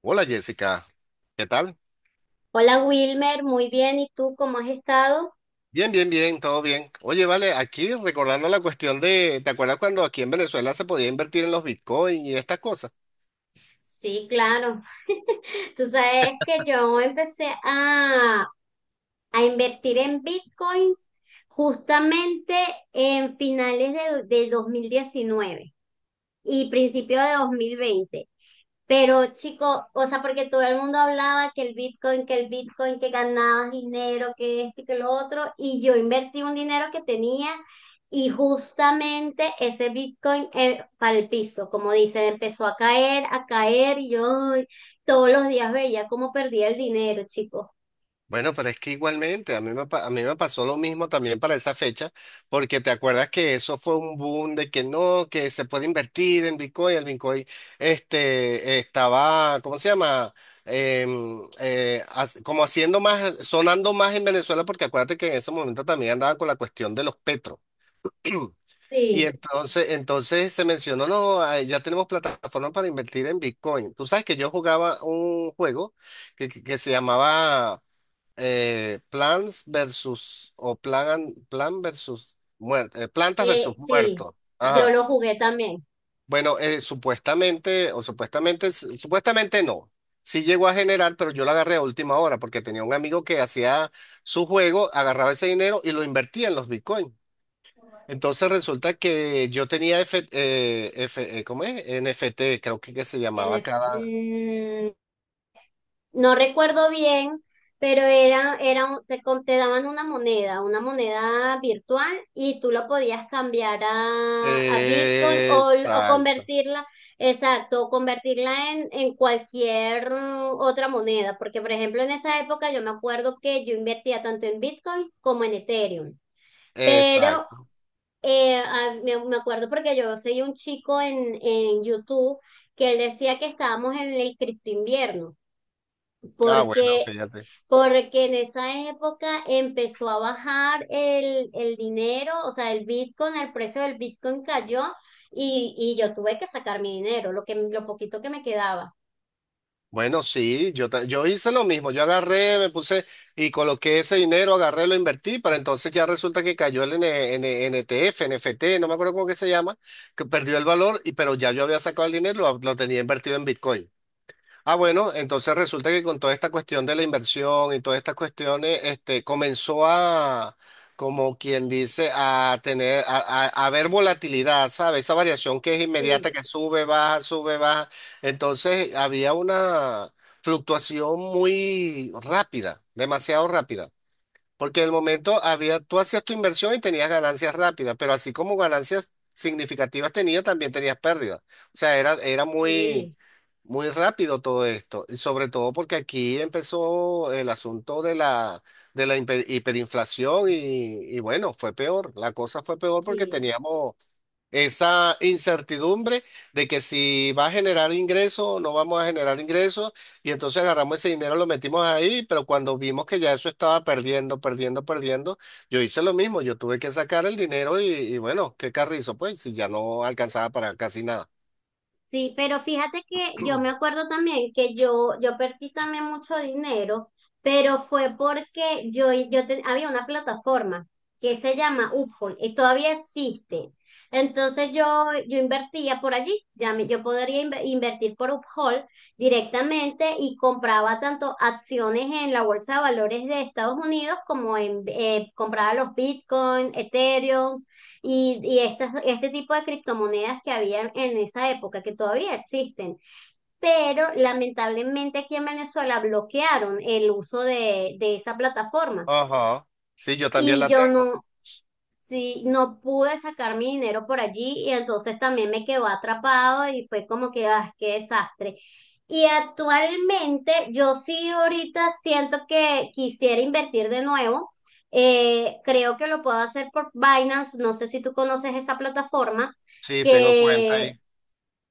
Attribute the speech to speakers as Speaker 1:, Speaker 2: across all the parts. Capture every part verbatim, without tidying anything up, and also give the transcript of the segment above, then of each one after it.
Speaker 1: Hola Jessica, ¿qué tal?
Speaker 2: Hola Wilmer, muy bien. ¿Y tú cómo has estado?
Speaker 1: Bien, bien, bien, todo bien. Oye, vale, aquí recordando la cuestión de, ¿te acuerdas cuando aquí en Venezuela se podía invertir en los Bitcoin y estas cosas?
Speaker 2: Sí, claro. Tú sabes que yo empecé a, a invertir en bitcoins justamente en finales de- del dos mil diecinueve y principio de dos mil veinte. Pero chico, o sea, porque todo el mundo hablaba que el Bitcoin, que el Bitcoin, que ganabas dinero, que esto y que lo otro, y yo invertí un dinero que tenía. Y justamente ese Bitcoin eh, para el piso, como dicen, empezó a caer, a caer y yo ay, todos los días veía cómo perdía el dinero, chico.
Speaker 1: Bueno, pero es que igualmente, a mí me, pa- a mí me pasó lo mismo también para esa fecha, porque te acuerdas que eso fue un boom de que no, que se puede invertir en Bitcoin, el Bitcoin, este, estaba, ¿cómo se llama? Em, eh, as- como haciendo más, sonando más en Venezuela, porque acuérdate que en ese momento también andaban con la cuestión de los petros. Y
Speaker 2: Sí,
Speaker 1: entonces, entonces se mencionó, no, ah, ya tenemos plataformas para invertir en Bitcoin. Tú sabes que yo jugaba un juego que, que- que se llamaba eh, Plants versus o Plan, Plan versus muer- eh, Plantas
Speaker 2: eh,
Speaker 1: versus
Speaker 2: sí,
Speaker 1: Muertos.
Speaker 2: yo
Speaker 1: Ajá.
Speaker 2: lo jugué también.
Speaker 1: Bueno, eh, supuestamente, o supuestamente, s- supuestamente no. Sí llegó a generar, pero yo lo agarré a última hora porque tenía un amigo que hacía su juego, agarraba ese dinero y lo invertía en los Bitcoin. Entonces resulta que yo tenía F, eh, F- eh, ¿cómo es? N F T, creo que, que se
Speaker 2: En
Speaker 1: llamaba
Speaker 2: el-
Speaker 1: cada...
Speaker 2: mm, no recuerdo bien, pero era, era, un- te, com- te daban una moneda, una moneda virtual, y tú lo podías cambiar a, a Bitcoin o, o
Speaker 1: Exacto,
Speaker 2: convertirla, exacto, o convertirla en, en cualquier mm, otra moneda, porque por ejemplo en esa época yo me acuerdo que yo invertía tanto en Bitcoin como en Ethereum. Pero
Speaker 1: exacto.
Speaker 2: eh, a- me, me acuerdo porque yo seguí un chico en, en YouTube que él decía que estábamos en el cripto invierno,
Speaker 1: Ah, bueno,
Speaker 2: porque
Speaker 1: fíjate.
Speaker 2: porque en esa época empezó a bajar el, el dinero, o sea, el Bitcoin, el precio del Bitcoin cayó, y, y yo tuve que sacar mi dinero, lo que, lo poquito que me quedaba.
Speaker 1: Bueno, sí, yo, ta- yo hice lo mismo. Yo agarré, me puse y coloqué ese dinero, agarré, lo invertí, para entonces ya resulta que cayó el N- N- NTF, N F T, no me acuerdo cómo que se llama, que perdió el valor, y, pero ya yo había sacado el dinero, lo, lo tenía invertido en Bitcoin. Ah, bueno, entonces resulta que con toda esta cuestión de la inversión y todas estas cuestiones, este, comenzó a, como quien dice, a tener, a, a, a ver volatilidad, ¿sabes? Esa variación que es
Speaker 2: Sí,
Speaker 1: inmediata, que sube, baja, sube, baja. Entonces había una fluctuación muy rápida, demasiado rápida. Porque en el momento había, tú hacías tu inversión y tenías ganancias rápidas, pero así como ganancias significativas tenías, también tenías pérdidas. O sea, era, era
Speaker 2: sí,
Speaker 1: muy, muy rápido todo esto. Y sobre todo porque aquí empezó el asunto de la, de la hiper- hiperinflación y, y bueno, fue peor. La cosa fue peor porque
Speaker 2: sí.
Speaker 1: teníamos esa incertidumbre de que si va a generar ingresos o no vamos a generar ingresos, y entonces agarramos ese dinero, lo metimos ahí, pero cuando vimos que ya eso estaba perdiendo, perdiendo, perdiendo, yo hice lo mismo, yo tuve que sacar el dinero y, y bueno, qué carrizo, pues, si ya no alcanzaba para casi nada.
Speaker 2: Sí, pero fíjate que yo me acuerdo también que yo, yo perdí también mucho dinero, pero fue porque yo, yo te- había una plataforma que se llama Uphold y todavía existe. Entonces yo, yo invertía por allí, ya me- yo podría inve- invertir por Uphold directamente y compraba tanto acciones en la bolsa de valores de Estados Unidos como en, eh, compraba los Bitcoin, Ethereum, y, y estas, este tipo de criptomonedas que había en esa época, que todavía existen, pero lamentablemente aquí en Venezuela bloquearon el uso de, de esa plataforma.
Speaker 1: Ajá, sí, yo también
Speaker 2: Y
Speaker 1: la
Speaker 2: yo
Speaker 1: tengo,
Speaker 2: no. Sí, no pude sacar mi dinero por allí y entonces también me quedó atrapado y fue como que, ah, qué desastre. Y actualmente yo sí ahorita siento que quisiera invertir de nuevo. Eh, creo que lo puedo hacer por Binance, no sé si tú conoces esa plataforma,
Speaker 1: sí, tengo cuenta
Speaker 2: que
Speaker 1: ahí.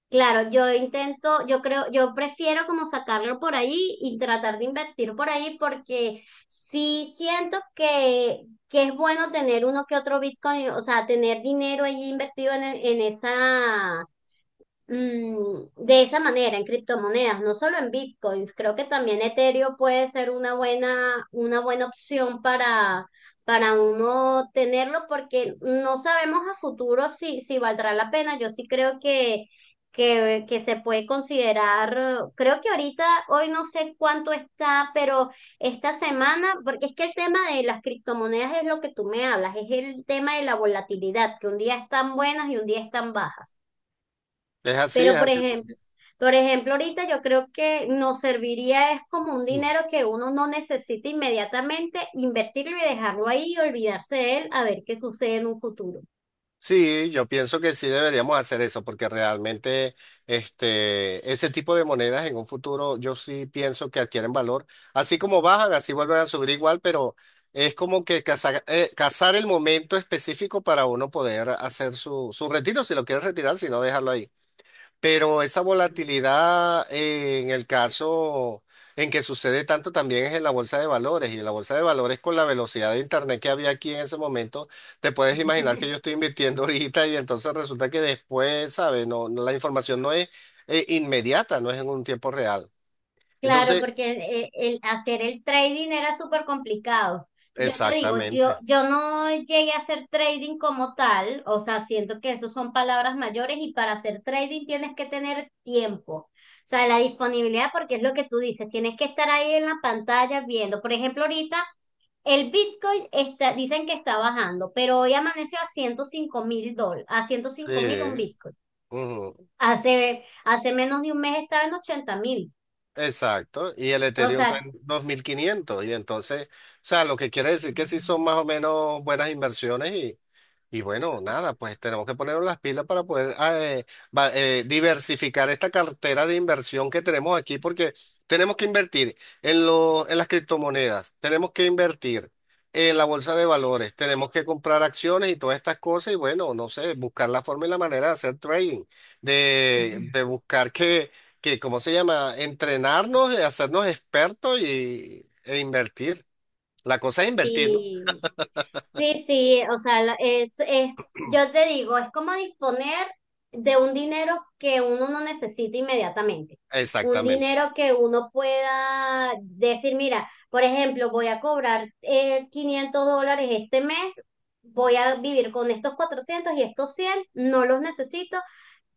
Speaker 2: claro, yo intento, yo creo, yo prefiero como sacarlo por ahí y tratar de invertir por ahí porque sí siento que, que es bueno tener uno que otro Bitcoin, o sea, tener dinero allí invertido en, en esa, mm, de esa manera en criptomonedas, no solo en bitcoins. Creo que también Ethereum puede ser una buena, una buena opción para, para uno tenerlo, porque no sabemos a futuro si, si valdrá la pena. Yo sí creo que, que, que se puede considerar. Creo que ahorita, hoy no sé cuánto está, pero esta semana, porque es que el tema de las criptomonedas es lo que tú me hablas, es el tema de la volatilidad, que un día están buenas y un día están bajas.
Speaker 1: Es así,
Speaker 2: Pero
Speaker 1: es
Speaker 2: por
Speaker 1: así.
Speaker 2: ejemplo, por ejemplo, ahorita yo creo que nos serviría es como un dinero que uno no necesita inmediatamente, invertirlo y dejarlo ahí y olvidarse de él a ver qué sucede en un futuro.
Speaker 1: Sí, yo pienso que sí deberíamos hacer eso, porque realmente este, ese tipo de monedas en un futuro yo sí pienso que adquieren valor. Así como bajan, así vuelven a subir igual, pero es como que cazar, eh, cazar el momento específico para uno poder hacer su, su retiro, si lo quieres retirar, si no, dejarlo ahí. Pero esa volatilidad eh, en el caso en que sucede tanto también es en la bolsa de valores. Y en la bolsa de valores con la velocidad de internet que había aquí en ese momento, te puedes imaginar que yo estoy invirtiendo ahorita y entonces resulta que después, ¿sabes? No, no, la información no es eh, inmediata, no es en un tiempo real.
Speaker 2: Claro,
Speaker 1: Entonces,
Speaker 2: porque eh, el, hacer el trading era súper complicado. Yo te digo, yo,
Speaker 1: exactamente.
Speaker 2: yo no llegué a hacer trading como tal, o sea, siento que eso son palabras mayores y para hacer trading tienes que tener tiempo, o sea, la disponibilidad, porque es lo que tú dices, tienes que estar ahí en la pantalla viendo. Por ejemplo, ahorita el Bitcoin está, dicen que está bajando, pero hoy amaneció a ciento cinco mil dólares, a ciento cinco mil un
Speaker 1: Sí.
Speaker 2: Bitcoin.
Speaker 1: Ujú.
Speaker 2: Hace, hace menos de un mes estaba en ochenta mil.
Speaker 1: Exacto, y el
Speaker 2: O
Speaker 1: Ethereum está en
Speaker 2: sea,
Speaker 1: dos mil quinientos y entonces, o sea, lo que quiere decir que sí son más o menos buenas inversiones y, y bueno, nada, pues tenemos que ponernos las pilas para poder ah, eh, va- eh, diversificar esta cartera de inversión que tenemos aquí, porque tenemos que invertir en lo- en las criptomonedas, tenemos que invertir en la bolsa de valores, tenemos que comprar acciones y todas estas cosas, y bueno, no sé, buscar la forma y la manera de hacer trading, de, de buscar que que, ¿cómo se llama? Entrenarnos, eh, hacernos expertos y, e invertir. La cosa es invertir, ¿no?
Speaker 2: sí, sí, sí, o sea, la- es, es, yo te digo, es como disponer de un dinero que uno no necesita inmediatamente, un
Speaker 1: Exactamente.
Speaker 2: dinero que uno pueda decir, mira, por ejemplo, voy a cobrar eh, quinientos dólares este mes, voy a vivir con estos cuatrocientos y estos cien, no los necesito,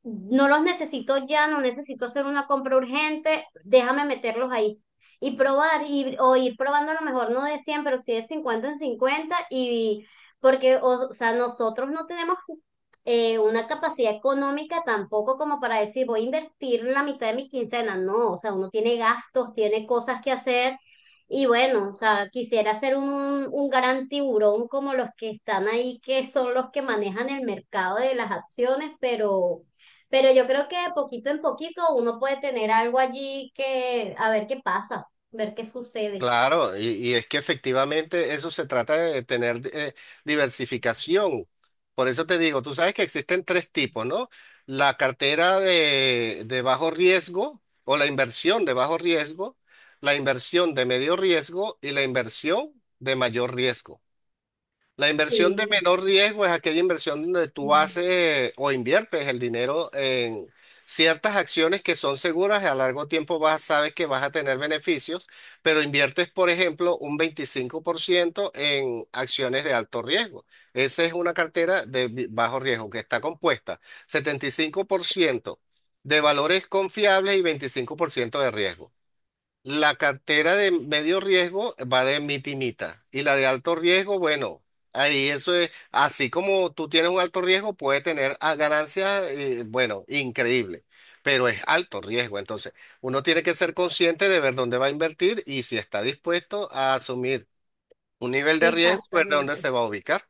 Speaker 2: no los necesito ya, no necesito hacer una compra urgente, déjame meterlos ahí y probar, y, o ir probando a lo mejor no de cien pero sí de cincuenta en cincuenta y porque, o, o sea, nosotros no tenemos eh, una capacidad económica tampoco como para decir voy a invertir la mitad de mi quincena, no, o sea, uno tiene gastos, tiene cosas que hacer, y bueno, o sea, quisiera ser un, un gran tiburón como los que están ahí, que son los que manejan el mercado de las acciones, pero... Pero yo creo que poquito en poquito uno puede tener algo allí que, a ver qué pasa, ver qué sucede.
Speaker 1: Claro, y, y es que efectivamente eso se trata de tener eh, diversificación. Por eso te digo, tú sabes que existen tres tipos, ¿no? La cartera de, de bajo riesgo o la inversión de bajo riesgo, la inversión de medio riesgo y la inversión de mayor riesgo. La inversión de
Speaker 2: Sí,
Speaker 1: menor riesgo es aquella inversión donde tú
Speaker 2: mm,
Speaker 1: haces o inviertes el dinero en ciertas acciones que son seguras y a largo tiempo vas, sabes que vas a tener beneficios, pero inviertes, por ejemplo, un veinticinco por ciento en acciones de alto riesgo. Esa es una cartera de bi- bajo riesgo que está compuesta setenta y cinco por ciento de valores confiables y veinticinco por ciento de riesgo. La cartera de medio riesgo va de mita y mita. Y la de alto riesgo, bueno, ahí eso es, así como tú tienes un alto riesgo, puede tener ah, ganancias, eh, bueno, increíble, pero es alto riesgo. Entonces, uno tiene que ser consciente de ver dónde va a invertir y si está dispuesto a asumir un nivel de riesgo, ver dónde
Speaker 2: exactamente.
Speaker 1: se va a ubicar.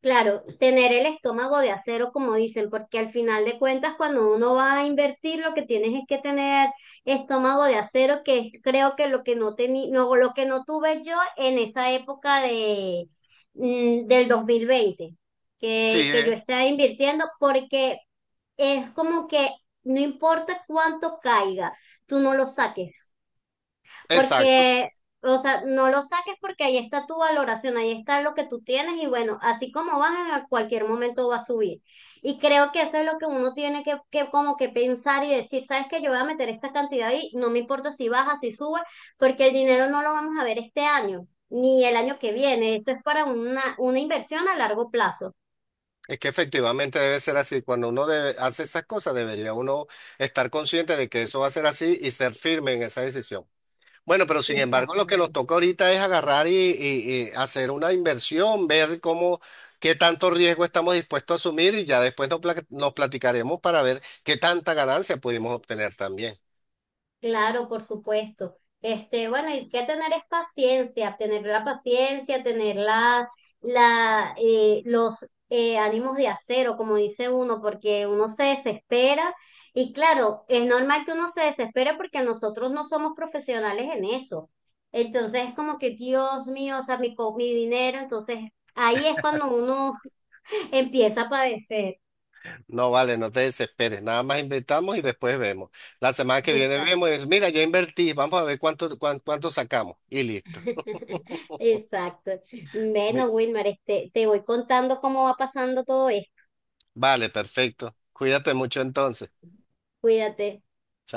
Speaker 2: Claro, tener el estómago de acero, como dicen, porque al final de cuentas, cuando uno va a invertir, lo que tienes es que tener estómago de acero, que es, creo que lo que no tení, no, lo que no tuve yo en esa época de, mm, del dos mil veinte, que,
Speaker 1: Sí,
Speaker 2: que yo
Speaker 1: ¿eh?
Speaker 2: estaba invirtiendo, porque es como que no importa cuánto caiga, tú no lo saques,
Speaker 1: Exacto.
Speaker 2: porque, o sea, no lo saques porque ahí está tu valoración, ahí está lo que tú tienes y bueno, así como baja a cualquier momento va a subir. Y creo que eso es lo que uno tiene que, que como que pensar y decir, sabes que yo voy a meter esta cantidad ahí, no me importa si baja, si sube, porque el dinero no lo vamos a ver este año, ni el año que viene, eso es para una, una inversión a largo plazo.
Speaker 1: Es que efectivamente debe ser así. Cuando uno debe- hace esas cosas, debería uno estar consciente de que eso va a ser así y ser firme en esa decisión. Bueno, pero sin embargo, lo que nos
Speaker 2: Exactamente.
Speaker 1: toca ahorita es agarrar y, y- y hacer una inversión, ver cómo, qué tanto riesgo estamos dispuestos a asumir y ya después nos, pla- nos platicaremos para ver qué tanta ganancia pudimos obtener también.
Speaker 2: Claro, por supuesto. Este, bueno, hay que tener es paciencia, tener la paciencia, tener la, la, eh, los eh, ánimos de acero, como dice uno, porque uno se desespera. Y claro, es normal que uno se desespere porque nosotros no somos profesionales en eso. Entonces es como que, Dios mío, o sea, mi, co- mi dinero. Entonces ahí es cuando uno empieza a padecer.
Speaker 1: No vale, no te desesperes, nada más invertamos y después vemos. La semana que viene
Speaker 2: Exacto.
Speaker 1: vemos, y es, mira, ya invertí, vamos a ver cuánto, cuán- cuánto sacamos y listo.
Speaker 2: Exacto. Bueno,
Speaker 1: Mi-
Speaker 2: Wilmar, este, te voy contando cómo va pasando todo esto.
Speaker 1: Vale, perfecto. Cuídate mucho entonces.
Speaker 2: Cuídate.
Speaker 1: Chao.